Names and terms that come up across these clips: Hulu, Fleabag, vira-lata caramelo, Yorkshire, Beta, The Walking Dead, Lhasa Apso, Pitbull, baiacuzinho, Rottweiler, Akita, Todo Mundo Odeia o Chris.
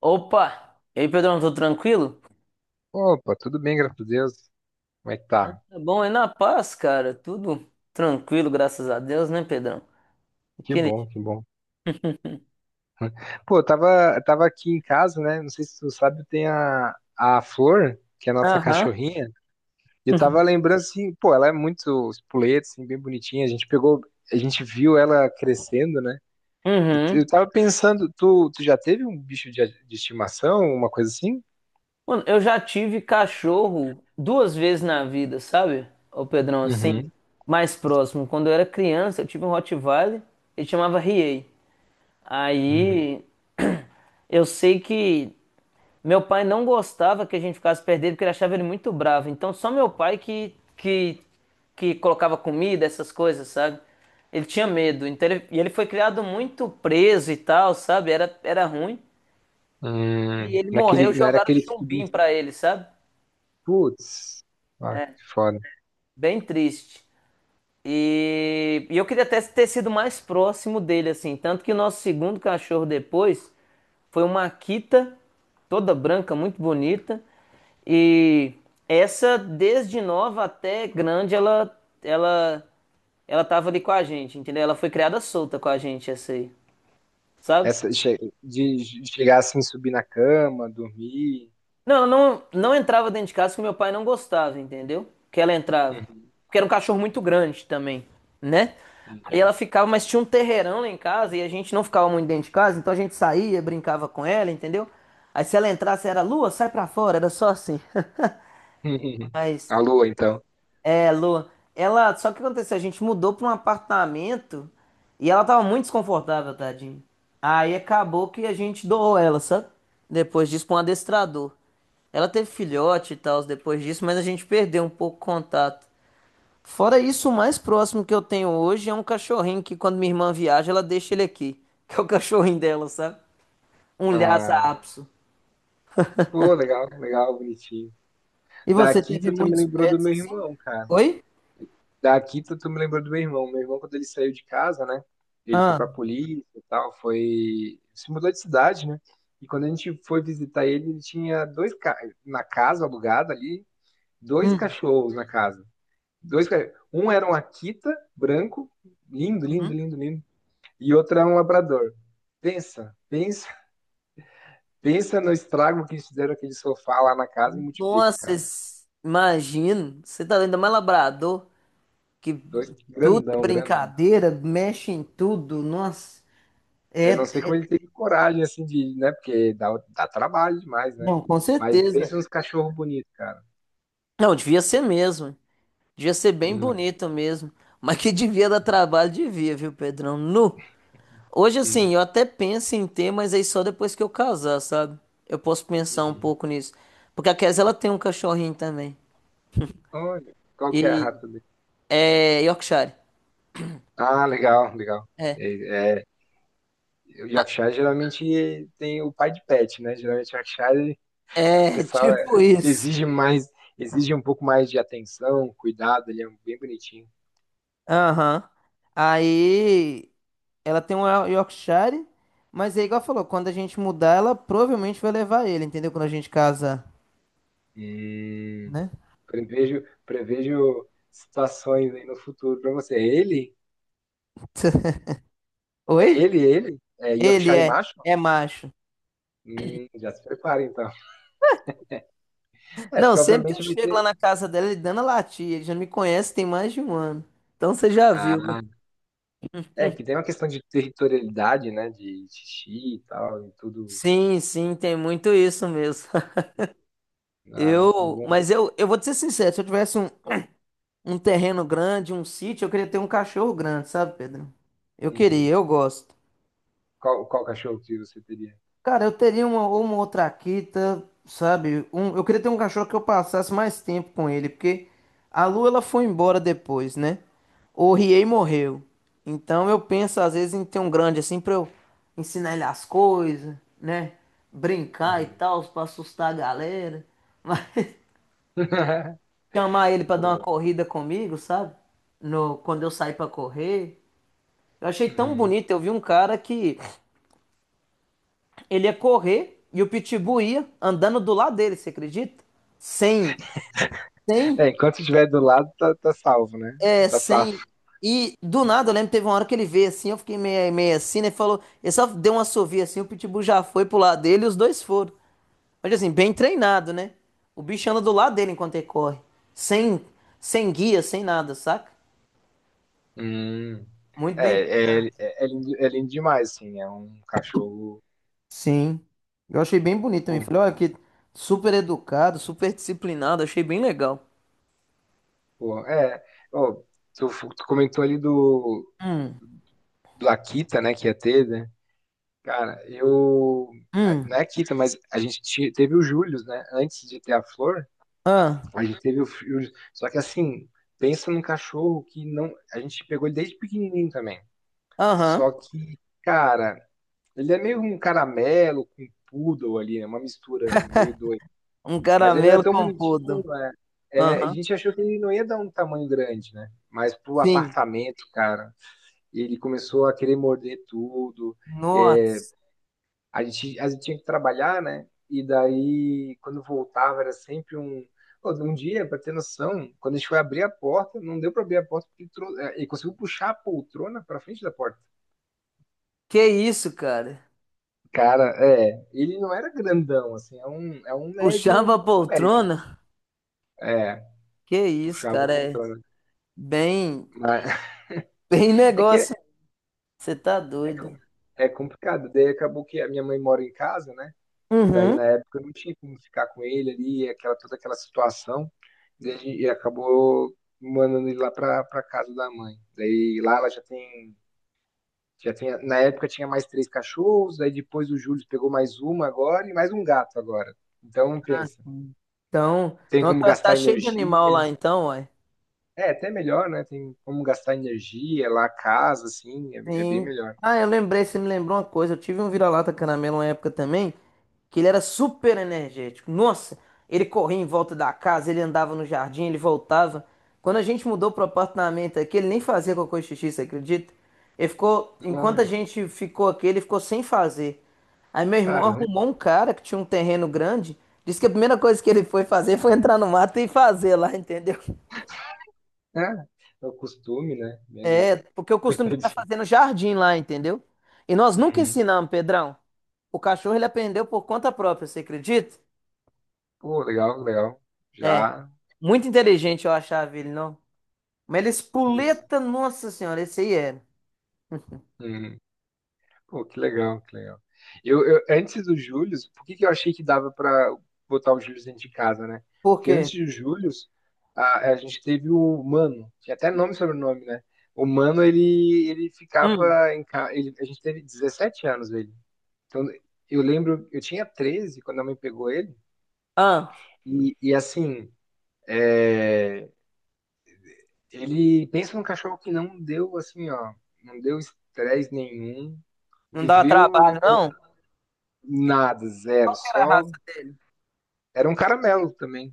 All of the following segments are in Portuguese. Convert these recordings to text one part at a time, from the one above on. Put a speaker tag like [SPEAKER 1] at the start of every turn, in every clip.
[SPEAKER 1] Opa! E aí, Pedrão, tudo tranquilo?
[SPEAKER 2] Opa, tudo bem, graças a Deus. Como é que
[SPEAKER 1] Então,
[SPEAKER 2] tá?
[SPEAKER 1] tá bom, é na paz, cara? Tudo tranquilo, graças a Deus, né, Pedrão?
[SPEAKER 2] Que
[SPEAKER 1] Aquele...
[SPEAKER 2] bom, que bom. Pô, eu tava aqui em casa, né? Não sei se tu sabe, tem a Flor, que é a nossa
[SPEAKER 1] Aham.
[SPEAKER 2] cachorrinha. E eu tava lembrando assim, pô, ela é muito espoleta, assim, bem bonitinha. A gente pegou, a gente viu ela crescendo, né? Eu,
[SPEAKER 1] Uhum.
[SPEAKER 2] eu tava pensando, tu já teve um bicho de estimação, uma coisa assim?
[SPEAKER 1] Mano, eu já tive cachorro duas vezes na vida, sabe? Ô, Pedrão, assim,
[SPEAKER 2] Uhum,
[SPEAKER 1] mais próximo. Quando eu era criança, eu tive um Rottweiler, ele chamava Riei.
[SPEAKER 2] uhum.
[SPEAKER 1] Aí, eu sei que meu pai não gostava que a gente ficasse perto porque ele achava ele muito bravo. Então só meu pai que colocava comida, essas coisas, sabe? Ele tinha medo. Então ele, e ele foi criado muito preso e tal, sabe? Era ruim. E ele morreu,
[SPEAKER 2] Naquele, não era
[SPEAKER 1] jogaram
[SPEAKER 2] aquele que tu...
[SPEAKER 1] chumbinho pra ele, sabe?
[SPEAKER 2] Putz, ah, que foda.
[SPEAKER 1] Bem triste. E eu queria até ter sido mais próximo dele, assim. Tanto que o nosso segundo cachorro depois foi uma Akita, toda branca, muito bonita. E essa, desde nova até grande, ela, ela tava ali com a gente, entendeu? Ela foi criada solta com a gente, essa aí, sabe?
[SPEAKER 2] Essa che- De chegar assim, subir na cama, dormir.
[SPEAKER 1] Não, entrava dentro de casa que meu pai não gostava, entendeu? Que ela entrava.
[SPEAKER 2] Uhum,
[SPEAKER 1] Porque era um cachorro muito grande também, né? Aí
[SPEAKER 2] uhum.
[SPEAKER 1] ela ficava, mas tinha um terreirão lá em casa e a gente não ficava muito dentro de casa, então a gente saía, brincava com ela, entendeu? Aí se ela entrasse era Lua, sai pra fora, era só assim. Mas
[SPEAKER 2] A lua, então.
[SPEAKER 1] é, Lu, ela. Só que o que aconteceu? A gente mudou pra um apartamento e ela tava muito desconfortável, tadinho. Aí acabou que a gente doou ela, sabe? Depois disso, pra um adestrador. Ela teve filhote e tal depois disso, mas a gente perdeu um pouco o contato. Fora isso, o mais próximo que eu tenho hoje é um cachorrinho que quando minha irmã viaja, ela deixa ele aqui, que é o cachorrinho dela, sabe? Um Lhasa
[SPEAKER 2] Ah,
[SPEAKER 1] Apso.
[SPEAKER 2] pô, legal, legal, bonitinho.
[SPEAKER 1] E
[SPEAKER 2] Da
[SPEAKER 1] você teve
[SPEAKER 2] Akita, tu me
[SPEAKER 1] muitos
[SPEAKER 2] lembrou do
[SPEAKER 1] pets
[SPEAKER 2] meu
[SPEAKER 1] assim?
[SPEAKER 2] irmão, cara.
[SPEAKER 1] Oi?
[SPEAKER 2] Da Akita, tu me lembrou do meu irmão. Meu irmão, quando ele saiu de casa, né? Ele foi
[SPEAKER 1] Ah.
[SPEAKER 2] pra polícia e tal, foi... Se mudou de cidade, né? E quando a gente foi visitar ele, ele tinha Na casa alugada ali, dois
[SPEAKER 1] Hum.
[SPEAKER 2] cachorros na casa. Dois cachorros. Um era um Akita branco, lindo, lindo,
[SPEAKER 1] Hum.
[SPEAKER 2] lindo, lindo. E outro era um labrador. Pensa, pensa, pensa no estrago que eles fizeram aquele sofá lá na casa e multiplica,
[SPEAKER 1] Nossa,
[SPEAKER 2] cara.
[SPEAKER 1] imagino. Você tá ainda mais labrador, que
[SPEAKER 2] Dois
[SPEAKER 1] tudo é
[SPEAKER 2] grandão, grandão.
[SPEAKER 1] brincadeira, mexe em tudo. Nossa,
[SPEAKER 2] Eu não
[SPEAKER 1] é.
[SPEAKER 2] sei
[SPEAKER 1] É,
[SPEAKER 2] como ele teve coragem, assim, de, né? Porque dá, dá trabalho demais, né?
[SPEAKER 1] não, com
[SPEAKER 2] Mas
[SPEAKER 1] certeza.
[SPEAKER 2] pensa nos cachorros bonitos, cara.
[SPEAKER 1] Não, devia ser mesmo. Devia ser bem
[SPEAKER 2] Hum,
[SPEAKER 1] bonito mesmo. Mas que devia dar trabalho, devia, viu, Pedrão? Nu. Hoje,
[SPEAKER 2] hum,
[SPEAKER 1] assim, eu até penso em ter, mas aí só depois que eu casar, sabe? Eu posso pensar um
[SPEAKER 2] uhum.
[SPEAKER 1] pouco nisso. Porque a Kes, ela tem um cachorrinho também.
[SPEAKER 2] Olha, qual que é a
[SPEAKER 1] E
[SPEAKER 2] rata dele?
[SPEAKER 1] é Yorkshire.
[SPEAKER 2] Ah, legal, legal. É, é, o Yorkshire geralmente tem o pai de pet, né? Geralmente o Yorkshire o
[SPEAKER 1] É,
[SPEAKER 2] pessoal é,
[SPEAKER 1] tipo isso.
[SPEAKER 2] exige mais, exige um pouco mais de atenção, cuidado, ele é bem bonitinho.
[SPEAKER 1] Aham. Aí ela tem um Yorkshire, mas é igual falou, quando a gente mudar, ela provavelmente vai levar ele, entendeu? Quando a gente casa,
[SPEAKER 2] E
[SPEAKER 1] né?
[SPEAKER 2] prevejo, prevejo situações aí no futuro para você. Ele? É
[SPEAKER 1] Oi?
[SPEAKER 2] ele? É
[SPEAKER 1] Ele
[SPEAKER 2] Yorkshire
[SPEAKER 1] é,
[SPEAKER 2] Macho?
[SPEAKER 1] é macho.
[SPEAKER 2] Já se prepara então. É,
[SPEAKER 1] Não,
[SPEAKER 2] porque
[SPEAKER 1] sempre que eu
[SPEAKER 2] obviamente vai
[SPEAKER 1] chego lá
[SPEAKER 2] ter.
[SPEAKER 1] na casa dela, ele dando a latir, ele já me conhece tem mais de um ano. Então você já viu, né?
[SPEAKER 2] Ah, é que tem uma questão de territorialidade, né? De xixi e tal, e tudo.
[SPEAKER 1] Sim, sim, tem muito isso mesmo.
[SPEAKER 2] Ah, muito
[SPEAKER 1] Eu,
[SPEAKER 2] bom.
[SPEAKER 1] mas eu, eu vou te ser sincero, se eu tivesse um terreno grande, um sítio, eu queria ter um cachorro grande, sabe, Pedro? Eu
[SPEAKER 2] E
[SPEAKER 1] queria, eu gosto.
[SPEAKER 2] qual cachorro que você teria?
[SPEAKER 1] Cara, eu teria uma outra Akita, sabe? Um, eu queria ter um cachorro que eu passasse mais tempo com ele, porque a Lu ela foi embora depois, né? O Riei morreu. Então eu penso às vezes em ter um grande assim pra eu ensinar ele as coisas, né? Brincar e
[SPEAKER 2] Uhum.
[SPEAKER 1] tal, pra assustar a galera. Mas chamar ele pra dar uma
[SPEAKER 2] Pô.
[SPEAKER 1] corrida comigo, sabe? No, quando eu saí pra correr. Eu achei tão
[SPEAKER 2] Uhum.
[SPEAKER 1] bonito, eu vi um cara que ele ia correr e o Pitbull ia andando do lado dele, você acredita? Sem,
[SPEAKER 2] É,
[SPEAKER 1] sem,
[SPEAKER 2] enquanto estiver do lado, tá, tá salvo, né?
[SPEAKER 1] é,
[SPEAKER 2] Tá
[SPEAKER 1] sem.
[SPEAKER 2] safo.
[SPEAKER 1] E do nada, eu lembro que teve uma hora que ele veio assim, eu fiquei meio assim, né? Falou, ele só deu uma assovio assim, o Pitbull já foi pro lado dele e os dois foram. Mas assim, bem treinado, né? O bicho anda do lado dele enquanto ele corre. Sem, sem guia, sem nada, saca?
[SPEAKER 2] Hum.
[SPEAKER 1] Muito bem.
[SPEAKER 2] É, é lindo, é lindo demais, assim. É um cachorro.
[SPEAKER 1] Sim. Eu achei bem bonito
[SPEAKER 2] Pô,
[SPEAKER 1] também. Falei, olha que super educado, super disciplinado, achei bem legal.
[SPEAKER 2] pô, é. Ô, tu comentou ali do, do Akita, né? Que ia ter, né? Cara, não
[SPEAKER 1] Hum.
[SPEAKER 2] é Akita, mas a gente teve o Július, né? Antes de ter a Flor,
[SPEAKER 1] Ah,
[SPEAKER 2] a gente teve o Július. Só que, assim, pensa num cachorro que não. A gente pegou ele desde pequenininho também.
[SPEAKER 1] aham.
[SPEAKER 2] Só que, cara. Ele é meio um caramelo com poodle ali, né? Uma mistura meio doida.
[SPEAKER 1] Um
[SPEAKER 2] Mas ele era
[SPEAKER 1] caramelo
[SPEAKER 2] tão bonitinho,
[SPEAKER 1] composto.
[SPEAKER 2] né? É, a
[SPEAKER 1] Aham.
[SPEAKER 2] gente achou que ele não ia dar um tamanho grande, né? Mas pro
[SPEAKER 1] Sim.
[SPEAKER 2] apartamento, cara, ele começou a querer morder tudo. É,
[SPEAKER 1] Nossa.
[SPEAKER 2] a gente tinha que trabalhar, né? E daí, quando voltava, era sempre um. Pô, um dia, para ter noção, quando a gente foi abrir a porta, não deu para abrir a porta porque ele conseguiu puxar a poltrona para frente da porta.
[SPEAKER 1] Que isso, cara?
[SPEAKER 2] Cara, é, ele não era grandão, assim, é um médio,
[SPEAKER 1] Puxava a
[SPEAKER 2] um médio.
[SPEAKER 1] poltrona?
[SPEAKER 2] É,
[SPEAKER 1] Que isso,
[SPEAKER 2] puxava o
[SPEAKER 1] cara? É
[SPEAKER 2] poltrona.
[SPEAKER 1] bem,
[SPEAKER 2] Mas
[SPEAKER 1] bem
[SPEAKER 2] é que é,
[SPEAKER 1] negócio. Você tá
[SPEAKER 2] é, com-
[SPEAKER 1] doido.
[SPEAKER 2] é complicado. Daí acabou que a minha mãe mora em casa, né? E daí
[SPEAKER 1] Uhum.
[SPEAKER 2] na época eu não tinha como ficar com ele ali, aquela, toda aquela situação. E, e acabou mandando ele lá pra, pra casa da mãe. Daí lá ela já tem. Na época tinha mais 3 cachorros, daí depois o Júlio pegou mais uma agora e mais um gato agora. Então
[SPEAKER 1] Ah,
[SPEAKER 2] pensa,
[SPEAKER 1] sim. Então,
[SPEAKER 2] tem
[SPEAKER 1] não,
[SPEAKER 2] como
[SPEAKER 1] tá, tá
[SPEAKER 2] gastar
[SPEAKER 1] cheio de animal lá
[SPEAKER 2] energia.
[SPEAKER 1] então, ué.
[SPEAKER 2] É, até melhor, né? Tem como gastar energia lá, casa, assim, é, é bem
[SPEAKER 1] Sim.
[SPEAKER 2] melhor.
[SPEAKER 1] Ah, eu lembrei, você me lembrou uma coisa. Eu tive um vira-lata caramelo uma época também, que ele era super energético. Nossa, ele corria em volta da casa, ele andava no jardim, ele voltava. Quando a gente mudou pro apartamento aqui, ele nem fazia cocô e xixi, você acredita? Ele ficou, enquanto a
[SPEAKER 2] Olha,
[SPEAKER 1] gente ficou aqui, ele ficou sem fazer. Aí meu irmão
[SPEAKER 2] caramba.
[SPEAKER 1] arrumou um cara que tinha um terreno grande, disse que a primeira coisa que ele foi fazer foi entrar no mato e fazer lá, entendeu?
[SPEAKER 2] É, é o costume, né? Meu Deus.
[SPEAKER 1] É, porque eu costumo deixar
[SPEAKER 2] Coitadinho.
[SPEAKER 1] fazer no jardim lá, entendeu? E nós nunca
[SPEAKER 2] Uhum.
[SPEAKER 1] ensinamos, Pedrão. O cachorro ele aprendeu por conta própria, você acredita?
[SPEAKER 2] Pô, legal, legal.
[SPEAKER 1] É,
[SPEAKER 2] Já.
[SPEAKER 1] muito inteligente eu achava ele, não? Mas ele
[SPEAKER 2] Uhum.
[SPEAKER 1] espoleta, nossa senhora, esse aí era.
[SPEAKER 2] Uhum. Pô, que legal, que legal. Antes do Júlio, por que que eu achei que dava pra botar o Júlio dentro de casa, né?
[SPEAKER 1] Por
[SPEAKER 2] Porque
[SPEAKER 1] quê?
[SPEAKER 2] antes do Júlio, a gente teve o Mano, tinha até nome e sobrenome, né? O Mano, ele
[SPEAKER 1] Hum.
[SPEAKER 2] ficava em casa. A gente teve 17 anos, ele. Então, eu lembro, eu tinha 13 quando a mãe pegou ele,
[SPEAKER 1] Ah,
[SPEAKER 2] e assim, é, ele pensa num cachorro que não deu, assim, ó, não deu estresse nenhum,
[SPEAKER 1] não dava
[SPEAKER 2] viveu em-
[SPEAKER 1] trabalho, não?
[SPEAKER 2] nada, zero,
[SPEAKER 1] Qual que era a
[SPEAKER 2] só.
[SPEAKER 1] raça dele?
[SPEAKER 2] Era um caramelo também,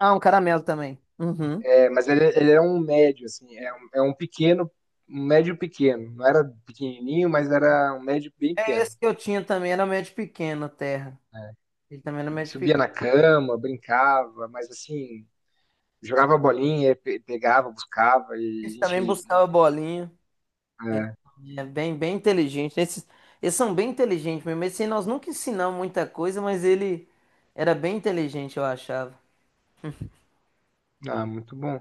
[SPEAKER 1] Ah, um caramelo também. Uhum.
[SPEAKER 2] é, mas ele era um médio, assim, é um pequeno, um médio pequeno, não era pequenininho, mas era um médio bem
[SPEAKER 1] É
[SPEAKER 2] pequeno.
[SPEAKER 1] esse que eu tinha também, era médio pequeno, terra.
[SPEAKER 2] Né?
[SPEAKER 1] Ele também era médio
[SPEAKER 2] Subia
[SPEAKER 1] pequeno.
[SPEAKER 2] na cama, brincava, mas assim, jogava bolinha, pegava, buscava, e a
[SPEAKER 1] Esse também
[SPEAKER 2] gente
[SPEAKER 1] buscava bolinha. Ele
[SPEAKER 2] é,
[SPEAKER 1] é bem, bem inteligente. Esses, eles são bem inteligentes mesmo. Esse aí nós nunca ensinamos muita coisa, mas ele era bem inteligente, eu achava.
[SPEAKER 2] ah, muito bom.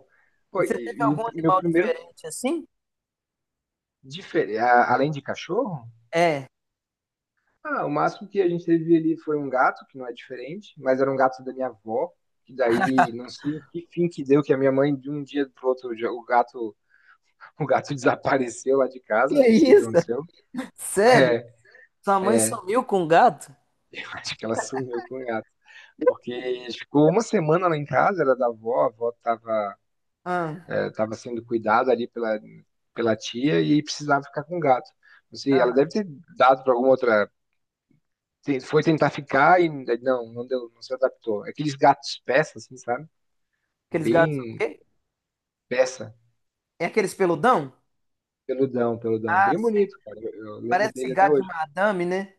[SPEAKER 1] E
[SPEAKER 2] Pô,
[SPEAKER 1] você teve
[SPEAKER 2] e o
[SPEAKER 1] algum
[SPEAKER 2] meu
[SPEAKER 1] animal
[SPEAKER 2] primeiro,
[SPEAKER 1] diferente assim?
[SPEAKER 2] além de cachorro,
[SPEAKER 1] É.
[SPEAKER 2] ah, o máximo que a gente teve ali foi um gato, que não é diferente, mas era um gato da minha avó, que daí não sei que fim que deu, que a minha mãe, de um dia pro outro, o gato desapareceu lá de casa,
[SPEAKER 1] Que
[SPEAKER 2] não sei o que
[SPEAKER 1] isso?
[SPEAKER 2] aconteceu.
[SPEAKER 1] Sério?
[SPEAKER 2] É,
[SPEAKER 1] Sua mãe
[SPEAKER 2] é,
[SPEAKER 1] sumiu com um gato?
[SPEAKER 2] eu acho que ela sumiu com o gato. Porque ficou uma semana lá em casa, era da avó, a avó tava
[SPEAKER 1] Ah,
[SPEAKER 2] estava sendo cuidada ali pela, pela tia e precisava ficar com o gato. Não sei, ela
[SPEAKER 1] ah.
[SPEAKER 2] deve ter dado para alguma outra. Foi tentar ficar e não, não deu, não se adaptou. Aqueles gatos peça, assim, sabe?
[SPEAKER 1] Aqueles gatos são o
[SPEAKER 2] Bem
[SPEAKER 1] quê?
[SPEAKER 2] peça,
[SPEAKER 1] É aqueles peludão?
[SPEAKER 2] peludão, peludão,
[SPEAKER 1] Ah,
[SPEAKER 2] bem
[SPEAKER 1] sei.
[SPEAKER 2] bonito, cara. Eu lembro
[SPEAKER 1] Parece
[SPEAKER 2] dele até
[SPEAKER 1] gato de
[SPEAKER 2] hoje.
[SPEAKER 1] madame, né?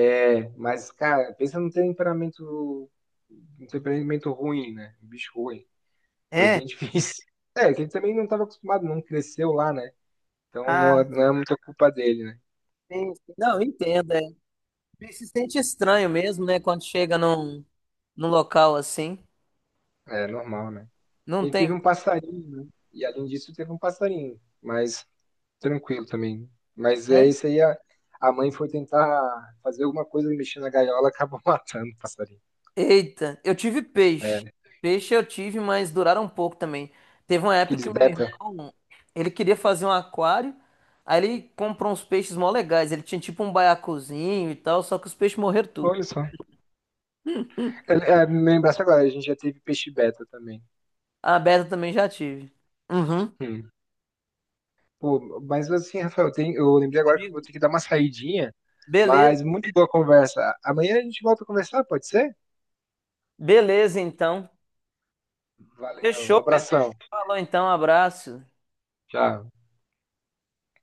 [SPEAKER 2] É, mas, cara, pensa num temperamento, um temperamento ruim, né? Um bicho ruim. Foi
[SPEAKER 1] É.
[SPEAKER 2] bem difícil. É, que ele também não estava acostumado, não cresceu lá, né?
[SPEAKER 1] Ah,
[SPEAKER 2] Não é muita culpa dele, né?
[SPEAKER 1] sim. Sim. Não, entendo. É. E se sente estranho mesmo, né? Quando chega num local assim.
[SPEAKER 2] É normal, né?
[SPEAKER 1] Não
[SPEAKER 2] Ele teve
[SPEAKER 1] tem.
[SPEAKER 2] um passarinho, né? E além disso, teve um passarinho, mas tranquilo também. Mas é
[SPEAKER 1] Né?
[SPEAKER 2] isso aí, a mãe foi tentar fazer alguma coisa e mexer na gaiola, acabou matando o passarinho.
[SPEAKER 1] Eita, eu tive
[SPEAKER 2] É,
[SPEAKER 1] peixe.
[SPEAKER 2] né?
[SPEAKER 1] Peixe eu tive, mas duraram um pouco também. Teve uma época
[SPEAKER 2] Aqueles
[SPEAKER 1] que meu
[SPEAKER 2] beta.
[SPEAKER 1] irmão, ele queria fazer um aquário, aí ele comprou uns peixes mó legais. Ele tinha tipo um baiacuzinho e tal, só que os peixes morreram tudo.
[SPEAKER 2] Olha só. É, é, me lembrasse agora, a gente já teve peixe beta também.
[SPEAKER 1] A Beta também já tive. Uhum.
[SPEAKER 2] Hum. Pô, mas assim, Rafael, tem, eu lembrei agora que eu
[SPEAKER 1] Comigo.
[SPEAKER 2] vou ter que dar uma saidinha,
[SPEAKER 1] Beleza,
[SPEAKER 2] mas muito boa conversa. Amanhã a gente volta a conversar, pode ser?
[SPEAKER 1] beleza então.
[SPEAKER 2] Valeu,
[SPEAKER 1] Fechou, Pedro.
[SPEAKER 2] abração.
[SPEAKER 1] Falou então, abraço.
[SPEAKER 2] Tchau.